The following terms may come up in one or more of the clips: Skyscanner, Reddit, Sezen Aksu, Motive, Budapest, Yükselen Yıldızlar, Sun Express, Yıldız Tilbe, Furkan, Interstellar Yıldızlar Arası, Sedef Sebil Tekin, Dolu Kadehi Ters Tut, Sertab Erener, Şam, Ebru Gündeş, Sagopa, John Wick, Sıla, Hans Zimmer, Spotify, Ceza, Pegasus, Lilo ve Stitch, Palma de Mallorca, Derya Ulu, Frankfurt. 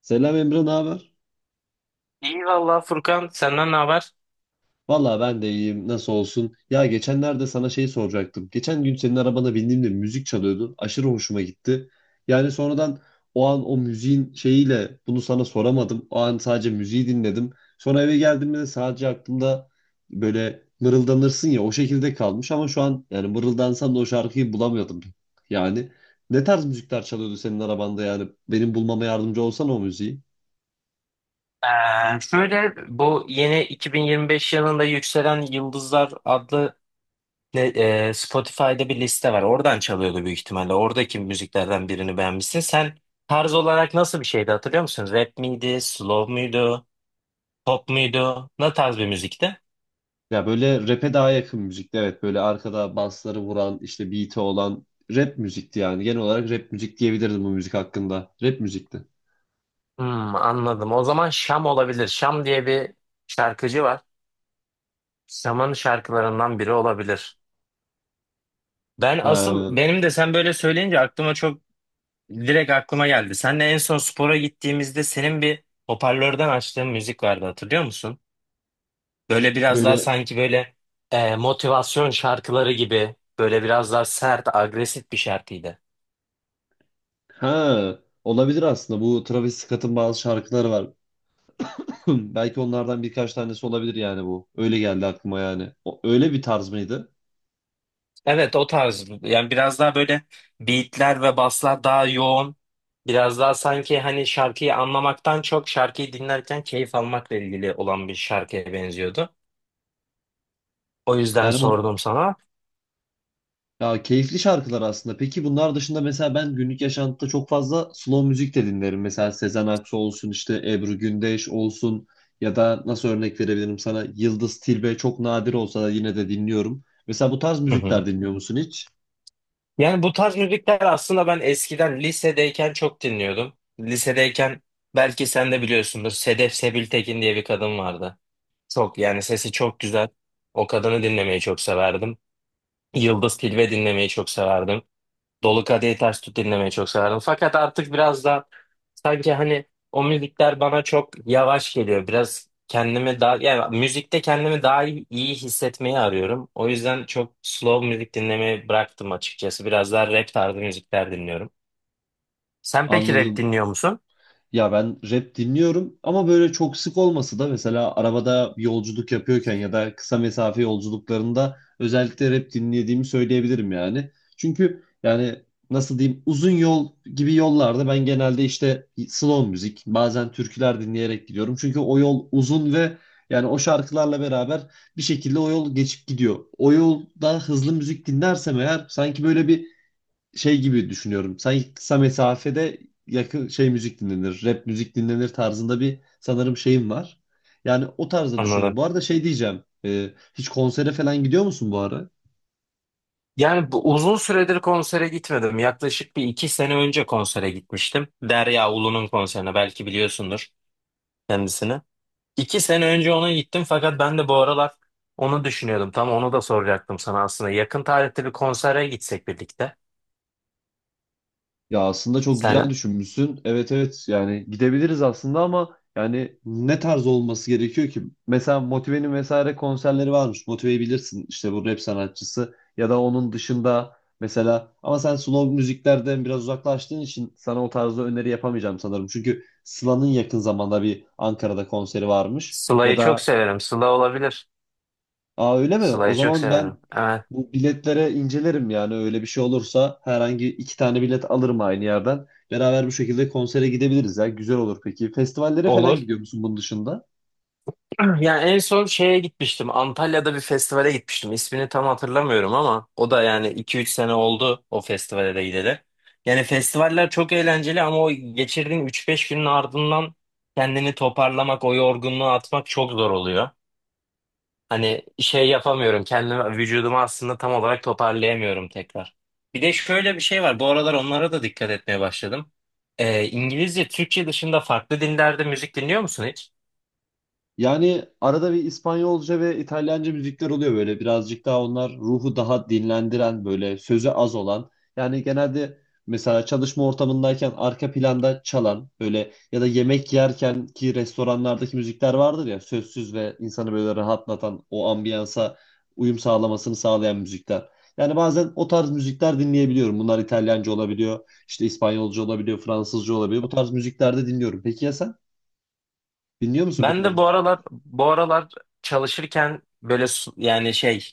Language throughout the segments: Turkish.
Selam Emre, ne haber? İyi valla Furkan, senden ne haber? Valla ben de iyiyim. Nasıl olsun? Ya geçenlerde sana soracaktım. Geçen gün senin arabana bindiğimde müzik çalıyordu. Aşırı hoşuma gitti. Yani sonradan o an o müziğin bunu sana soramadım. O an sadece müziği dinledim. Sonra eve geldiğimde de sadece aklımda böyle mırıldanırsın ya o şekilde kalmış ama şu an yani mırıldansam da o şarkıyı bulamıyordum. Yani ne tarz müzikler çalıyordu senin arabanda, yani benim bulmama yardımcı olsana o müziği. Şöyle, bu yeni 2025 yılında Yükselen Yıldızlar adlı ne- Spotify'da bir liste var. Oradan çalıyordu büyük ihtimalle. Oradaki müziklerden birini beğenmişsin. Sen tarz olarak nasıl bir şeydi hatırlıyor musun? Rap miydi, slow muydu, pop muydu? Ne tarz bir müzikti? Ya böyle rap'e daha yakın müzikti, evet. Böyle arkada basları vuran işte beat'i olan rap müzikti yani. Genel olarak rap müzik diyebilirdim bu müzik hakkında. Rap müzikti. Hmm, anladım. O zaman Şam olabilir. Şam diye bir şarkıcı var. Şam'ın şarkılarından biri olabilir. Ben asıl Ha, benim de sen böyle söyleyince aklıma çok direkt aklıma geldi. Seninle en son spora gittiğimizde senin bir hoparlörden açtığın müzik vardı, hatırlıyor musun? Böyle biraz daha böyle sanki böyle motivasyon şarkıları gibi böyle biraz daha sert, agresif bir şarkıydı. ha olabilir aslında. Bu Travis Scott'ın bazı şarkıları var. Belki onlardan birkaç tanesi olabilir yani bu. Öyle geldi aklıma yani. O, öyle bir tarz mıydı? Evet, o tarz, yani biraz daha böyle beatler ve baslar daha yoğun. Biraz daha sanki hani şarkıyı anlamaktan çok şarkıyı dinlerken keyif almakla ilgili olan bir şarkıya benziyordu. O yüzden Yani on sordum sana. Ya keyifli şarkılar aslında. Peki bunlar dışında mesela ben günlük yaşantıda çok fazla slow müzik de dinlerim. Mesela Sezen Aksu olsun, işte Ebru Gündeş olsun ya da nasıl örnek verebilirim sana, Yıldız Tilbe çok nadir olsa da yine de dinliyorum. Mesela bu tarz müzikler dinliyor musun hiç? Yani bu tarz müzikler aslında ben eskiden lisedeyken çok dinliyordum. Lisedeyken belki sen de biliyorsundur, Sedef Sebil Tekin diye bir kadın vardı. Çok yani sesi çok güzel. O kadını dinlemeyi çok severdim. Yıldız Tilbe dinlemeyi çok severdim. Dolu Kadehi Ters Tut dinlemeyi çok severdim. Fakat artık biraz da sanki hani o müzikler bana çok yavaş geliyor. Biraz kendimi daha yani müzikte kendimi daha iyi hissetmeyi arıyorum. O yüzden çok slow müzik dinlemeyi bıraktım açıkçası. Biraz daha rap tarzı müzikler dinliyorum. Sen peki rap Anladım. dinliyor musun? Ya ben rap dinliyorum ama böyle çok sık olması da mesela arabada bir yolculuk yapıyorken ya da kısa mesafe yolculuklarında özellikle rap dinlediğimi söyleyebilirim yani. Çünkü yani nasıl diyeyim, uzun yol gibi yollarda ben genelde işte slow müzik bazen türküler dinleyerek gidiyorum. Çünkü o yol uzun ve yani o şarkılarla beraber bir şekilde o yol geçip gidiyor. O yolda hızlı müzik dinlersem eğer sanki böyle bir şey gibi düşünüyorum. Sanki kısa mesafede yakın şey müzik dinlenir, rap müzik dinlenir tarzında bir sanırım şeyim var. Yani o tarzda düşünüyorum. Anladım. Bu arada şey diyeceğim. Hiç konsere falan gidiyor musun bu ara? Yani bu uzun süredir konsere gitmedim. Yaklaşık bir iki sene önce konsere gitmiştim. Derya Ulu'nun konserine, belki biliyorsundur kendisini. İki sene önce ona gittim, fakat ben de bu aralar onu düşünüyordum. Tam onu da soracaktım sana aslında. Yakın tarihte bir konsere gitsek birlikte. Ya aslında çok Sen güzel düşünmüşsün. Evet, evet, yani gidebiliriz aslında ama yani ne tarz olması gerekiyor ki? Mesela Motive'nin vesaire konserleri varmış. Motive'yi bilirsin işte, bu rap sanatçısı ya da onun dışında mesela, ama sen slow müziklerden biraz uzaklaştığın için sana o tarzda öneri yapamayacağım sanırım. Çünkü Sıla'nın yakın zamanda bir Ankara'da konseri varmış. Ya Sıla'yı çok da severim. Sıla olabilir. aa, öyle mi? O Sıla'yı çok zaman ben severim. Evet. bu biletlere incelerim yani, öyle bir şey olursa herhangi iki tane bilet alırım aynı yerden. Beraber bu şekilde konsere gidebiliriz ya. Güzel olur peki. Festivallere falan Olur. gidiyor musun bunun dışında? Yani en son şeye gitmiştim. Antalya'da bir festivale gitmiştim. İsmini tam hatırlamıyorum ama o da yani iki üç sene oldu o festivale de gideli. Yani festivaller çok eğlenceli ama o geçirdiğin üç beş günün ardından kendini toparlamak, o yorgunluğu atmak çok zor oluyor. Hani şey yapamıyorum. Kendimi, vücudumu aslında tam olarak toparlayamıyorum tekrar. Bir de şöyle bir şey var. Bu aralar onlara da dikkat etmeye başladım. İngilizce, Türkçe dışında farklı dinlerde müzik dinliyor musun hiç? Yani arada bir İspanyolca ve İtalyanca müzikler oluyor, böyle birazcık daha onlar ruhu daha dinlendiren, böyle sözü az olan. Yani genelde mesela çalışma ortamındayken arka planda çalan böyle, ya da yemek yerken ki restoranlardaki müzikler vardır ya, sözsüz ve insanı böyle rahatlatan, o ambiyansa uyum sağlamasını sağlayan müzikler. Yani bazen o tarz müzikler dinleyebiliyorum. Bunlar İtalyanca olabiliyor, işte İspanyolca olabiliyor, Fransızca olabiliyor. Bu tarz müzikler de dinliyorum. Peki ya sen? Dinliyor musun bu Ben tarz de bu müzik? aralar bu aralar çalışırken böyle su- yani şey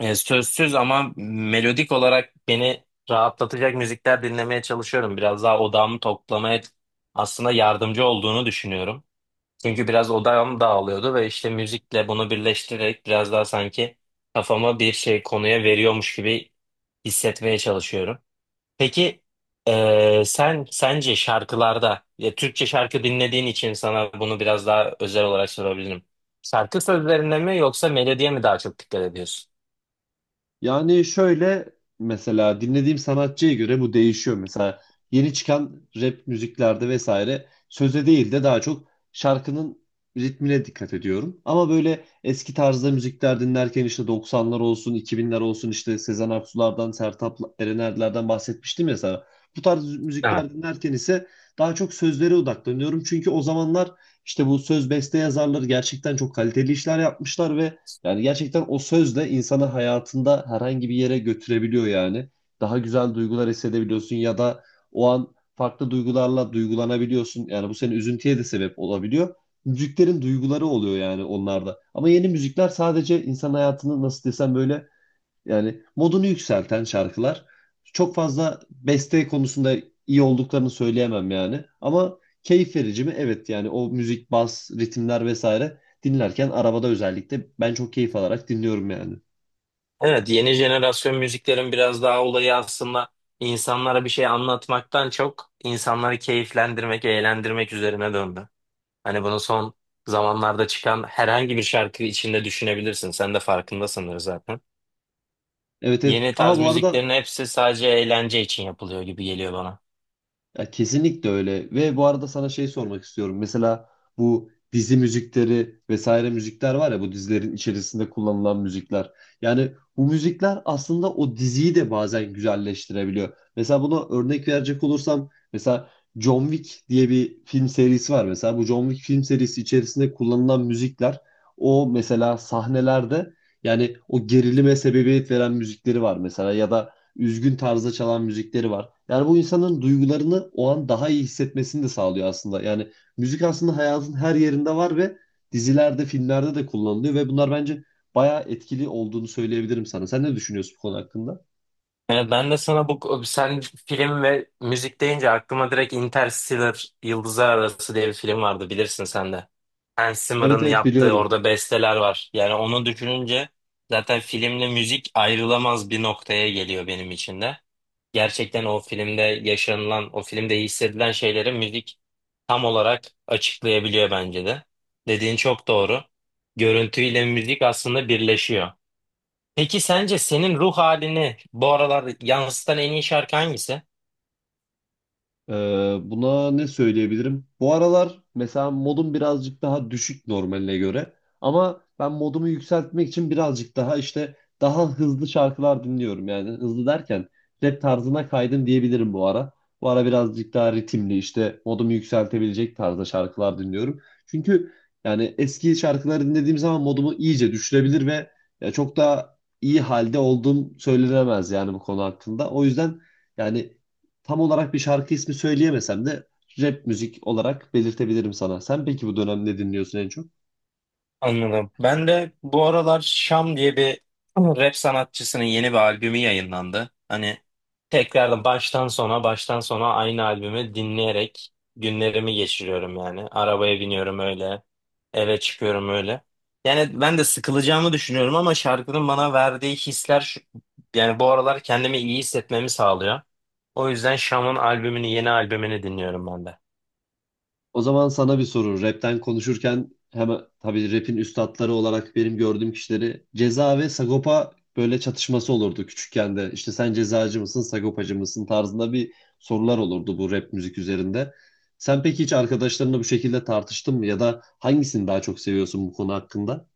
e, sözsüz ama melodik olarak beni rahatlatacak müzikler dinlemeye çalışıyorum. Biraz daha odağımı toplamaya aslında yardımcı olduğunu düşünüyorum. Çünkü biraz odağım dağılıyordu ve işte müzikle bunu birleştirerek biraz daha sanki kafama bir şey konuya veriyormuş gibi hissetmeye çalışıyorum. Peki sen sence şarkılarda ya Türkçe şarkı dinlediğin için sana bunu biraz daha özel olarak sorabilirim. Şarkı sözlerine mi yoksa melodiye mi daha çok dikkat ediyorsun? Yani şöyle, mesela dinlediğim sanatçıya göre bu değişiyor. Mesela yeni çıkan rap müziklerde vesaire söze değil de daha çok şarkının ritmine dikkat ediyorum. Ama böyle eski tarzda müzikler dinlerken, işte 90'lar olsun, 2000'ler olsun, işte Sezen Aksu'lardan, Sertab Erener'lerden bahsetmiştim ya sana. Bu tarz Evet. müzikler dinlerken ise daha çok sözlere odaklanıyorum. Çünkü o zamanlar işte bu söz beste yazarları gerçekten çok kaliteli işler yapmışlar ve yani gerçekten o sözle insanı hayatında herhangi bir yere götürebiliyor yani. Daha güzel duygular hissedebiliyorsun ya da o an farklı duygularla duygulanabiliyorsun. Yani bu senin üzüntüye de sebep olabiliyor. Müziklerin duyguları oluyor yani onlarda. Ama yeni müzikler sadece insan hayatını nasıl desem böyle, yani modunu yükselten şarkılar. Çok fazla beste konusunda iyi olduklarını söyleyemem yani. Ama keyif verici mi? Evet, yani o müzik, bas, ritimler vesaire dinlerken arabada özellikle ben çok keyif alarak dinliyorum yani. Evet, yeni jenerasyon müziklerin biraz daha olayı aslında insanlara bir şey anlatmaktan çok insanları keyiflendirmek, eğlendirmek üzerine döndü. Hani bunu son zamanlarda çıkan herhangi bir şarkı içinde düşünebilirsin. Sen de farkında sanırım zaten. Evet, evet. Yeni Aha, tarz bu arada müziklerin hepsi sadece eğlence için yapılıyor gibi geliyor bana. ya kesinlikle öyle. Ve bu arada sana şey sormak istiyorum. Mesela bu dizi müzikleri vesaire müzikler var ya, bu dizilerin içerisinde kullanılan müzikler. Yani bu müzikler aslında o diziyi de bazen güzelleştirebiliyor. Mesela buna örnek verecek olursam, mesela John Wick diye bir film serisi var. Mesela bu John Wick film serisi içerisinde kullanılan müzikler, o mesela sahnelerde yani o gerilime sebebiyet veren müzikleri var mesela, ya da üzgün tarzda çalan müzikleri var. Yani bu insanın duygularını o an daha iyi hissetmesini de sağlıyor aslında. Yani müzik aslında hayatın her yerinde var ve dizilerde, filmlerde de kullanılıyor ve bunlar bence bayağı etkili olduğunu söyleyebilirim sana. Sen ne düşünüyorsun bu konu hakkında? Yani ben de sana bu sen film ve müzik deyince aklıma direkt Interstellar Yıldızlar Arası diye bir film vardı, bilirsin sen de. Hans Evet, Zimmer'ın evet, yaptığı biliyorum. orada besteler var. Yani onu düşününce zaten filmle müzik ayrılamaz bir noktaya geliyor benim için de. Gerçekten o filmde yaşanılan, o filmde hissedilen şeyleri müzik tam olarak açıklayabiliyor bence de. Dediğin çok doğru. Görüntüyle müzik aslında birleşiyor. Peki sence senin ruh halini bu aralar yansıtan en iyi şarkı hangisi? Buna ne söyleyebilirim? Bu aralar mesela modum birazcık daha düşük normaline göre. Ama ben modumu yükseltmek için birazcık daha işte daha hızlı şarkılar dinliyorum. Yani hızlı derken rap tarzına kaydım diyebilirim bu ara. Bu ara birazcık daha ritimli işte modumu yükseltebilecek tarzda şarkılar dinliyorum. Çünkü yani eski şarkıları dinlediğim zaman modumu iyice düşürebilir ve ya çok daha iyi halde olduğum söylenemez yani bu konu hakkında. O yüzden yani tam olarak bir şarkı ismi söyleyemesem de rap müzik olarak belirtebilirim sana. Sen peki bu dönem ne dinliyorsun en çok? Anladım. Ben de bu aralar Şam diye bir rap sanatçısının yeni bir albümü yayınlandı. Hani tekrardan baştan sona aynı albümü dinleyerek günlerimi geçiriyorum yani. Arabaya biniyorum öyle, eve çıkıyorum öyle. Yani ben de sıkılacağımı düşünüyorum ama şarkının bana verdiği hisler yani bu aralar kendimi iyi hissetmemi sağlıyor. O yüzden Şam'ın albümünü, yeni albümünü dinliyorum ben de. O zaman sana bir soru. Rap'ten konuşurken hemen tabii rap'in üstatları olarak benim gördüğüm kişileri, Ceza ve Sagopa, böyle çatışması olurdu küçükken de. İşte sen cezacı mısın, Sagopacı mısın tarzında bir sorular olurdu bu rap müzik üzerinde. Sen peki hiç arkadaşlarınla bu şekilde tartıştın mı ya da hangisini daha çok seviyorsun bu konu hakkında?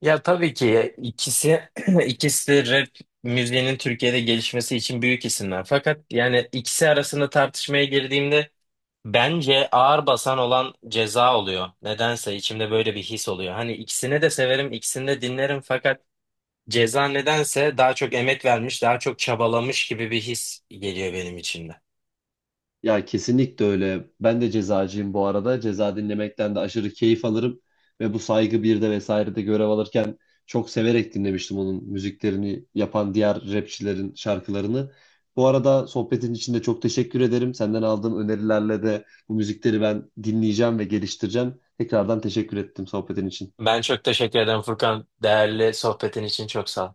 Ya tabii ki ikisi ikisi de rap müziğinin Türkiye'de gelişmesi için büyük isimler. Fakat yani ikisi arasında tartışmaya girdiğimde bence ağır basan olan Ceza oluyor. Nedense içimde böyle bir his oluyor. Hani ikisini de severim, ikisini de dinlerim fakat Ceza nedense daha çok emek vermiş, daha çok çabalamış gibi bir his geliyor benim içimde. Ya kesinlikle öyle. Ben de cezacıyım bu arada. Ceza dinlemekten de aşırı keyif alırım. Ve bu Saygı birde vesairede görev alırken çok severek dinlemiştim onun müziklerini yapan diğer rapçilerin şarkılarını. Bu arada sohbetin için de çok teşekkür ederim. Senden aldığım önerilerle de bu müzikleri ben dinleyeceğim ve geliştireceğim. Tekrardan teşekkür ettim sohbetin için. Ben çok teşekkür ederim Furkan. Değerli sohbetin için çok sağ ol.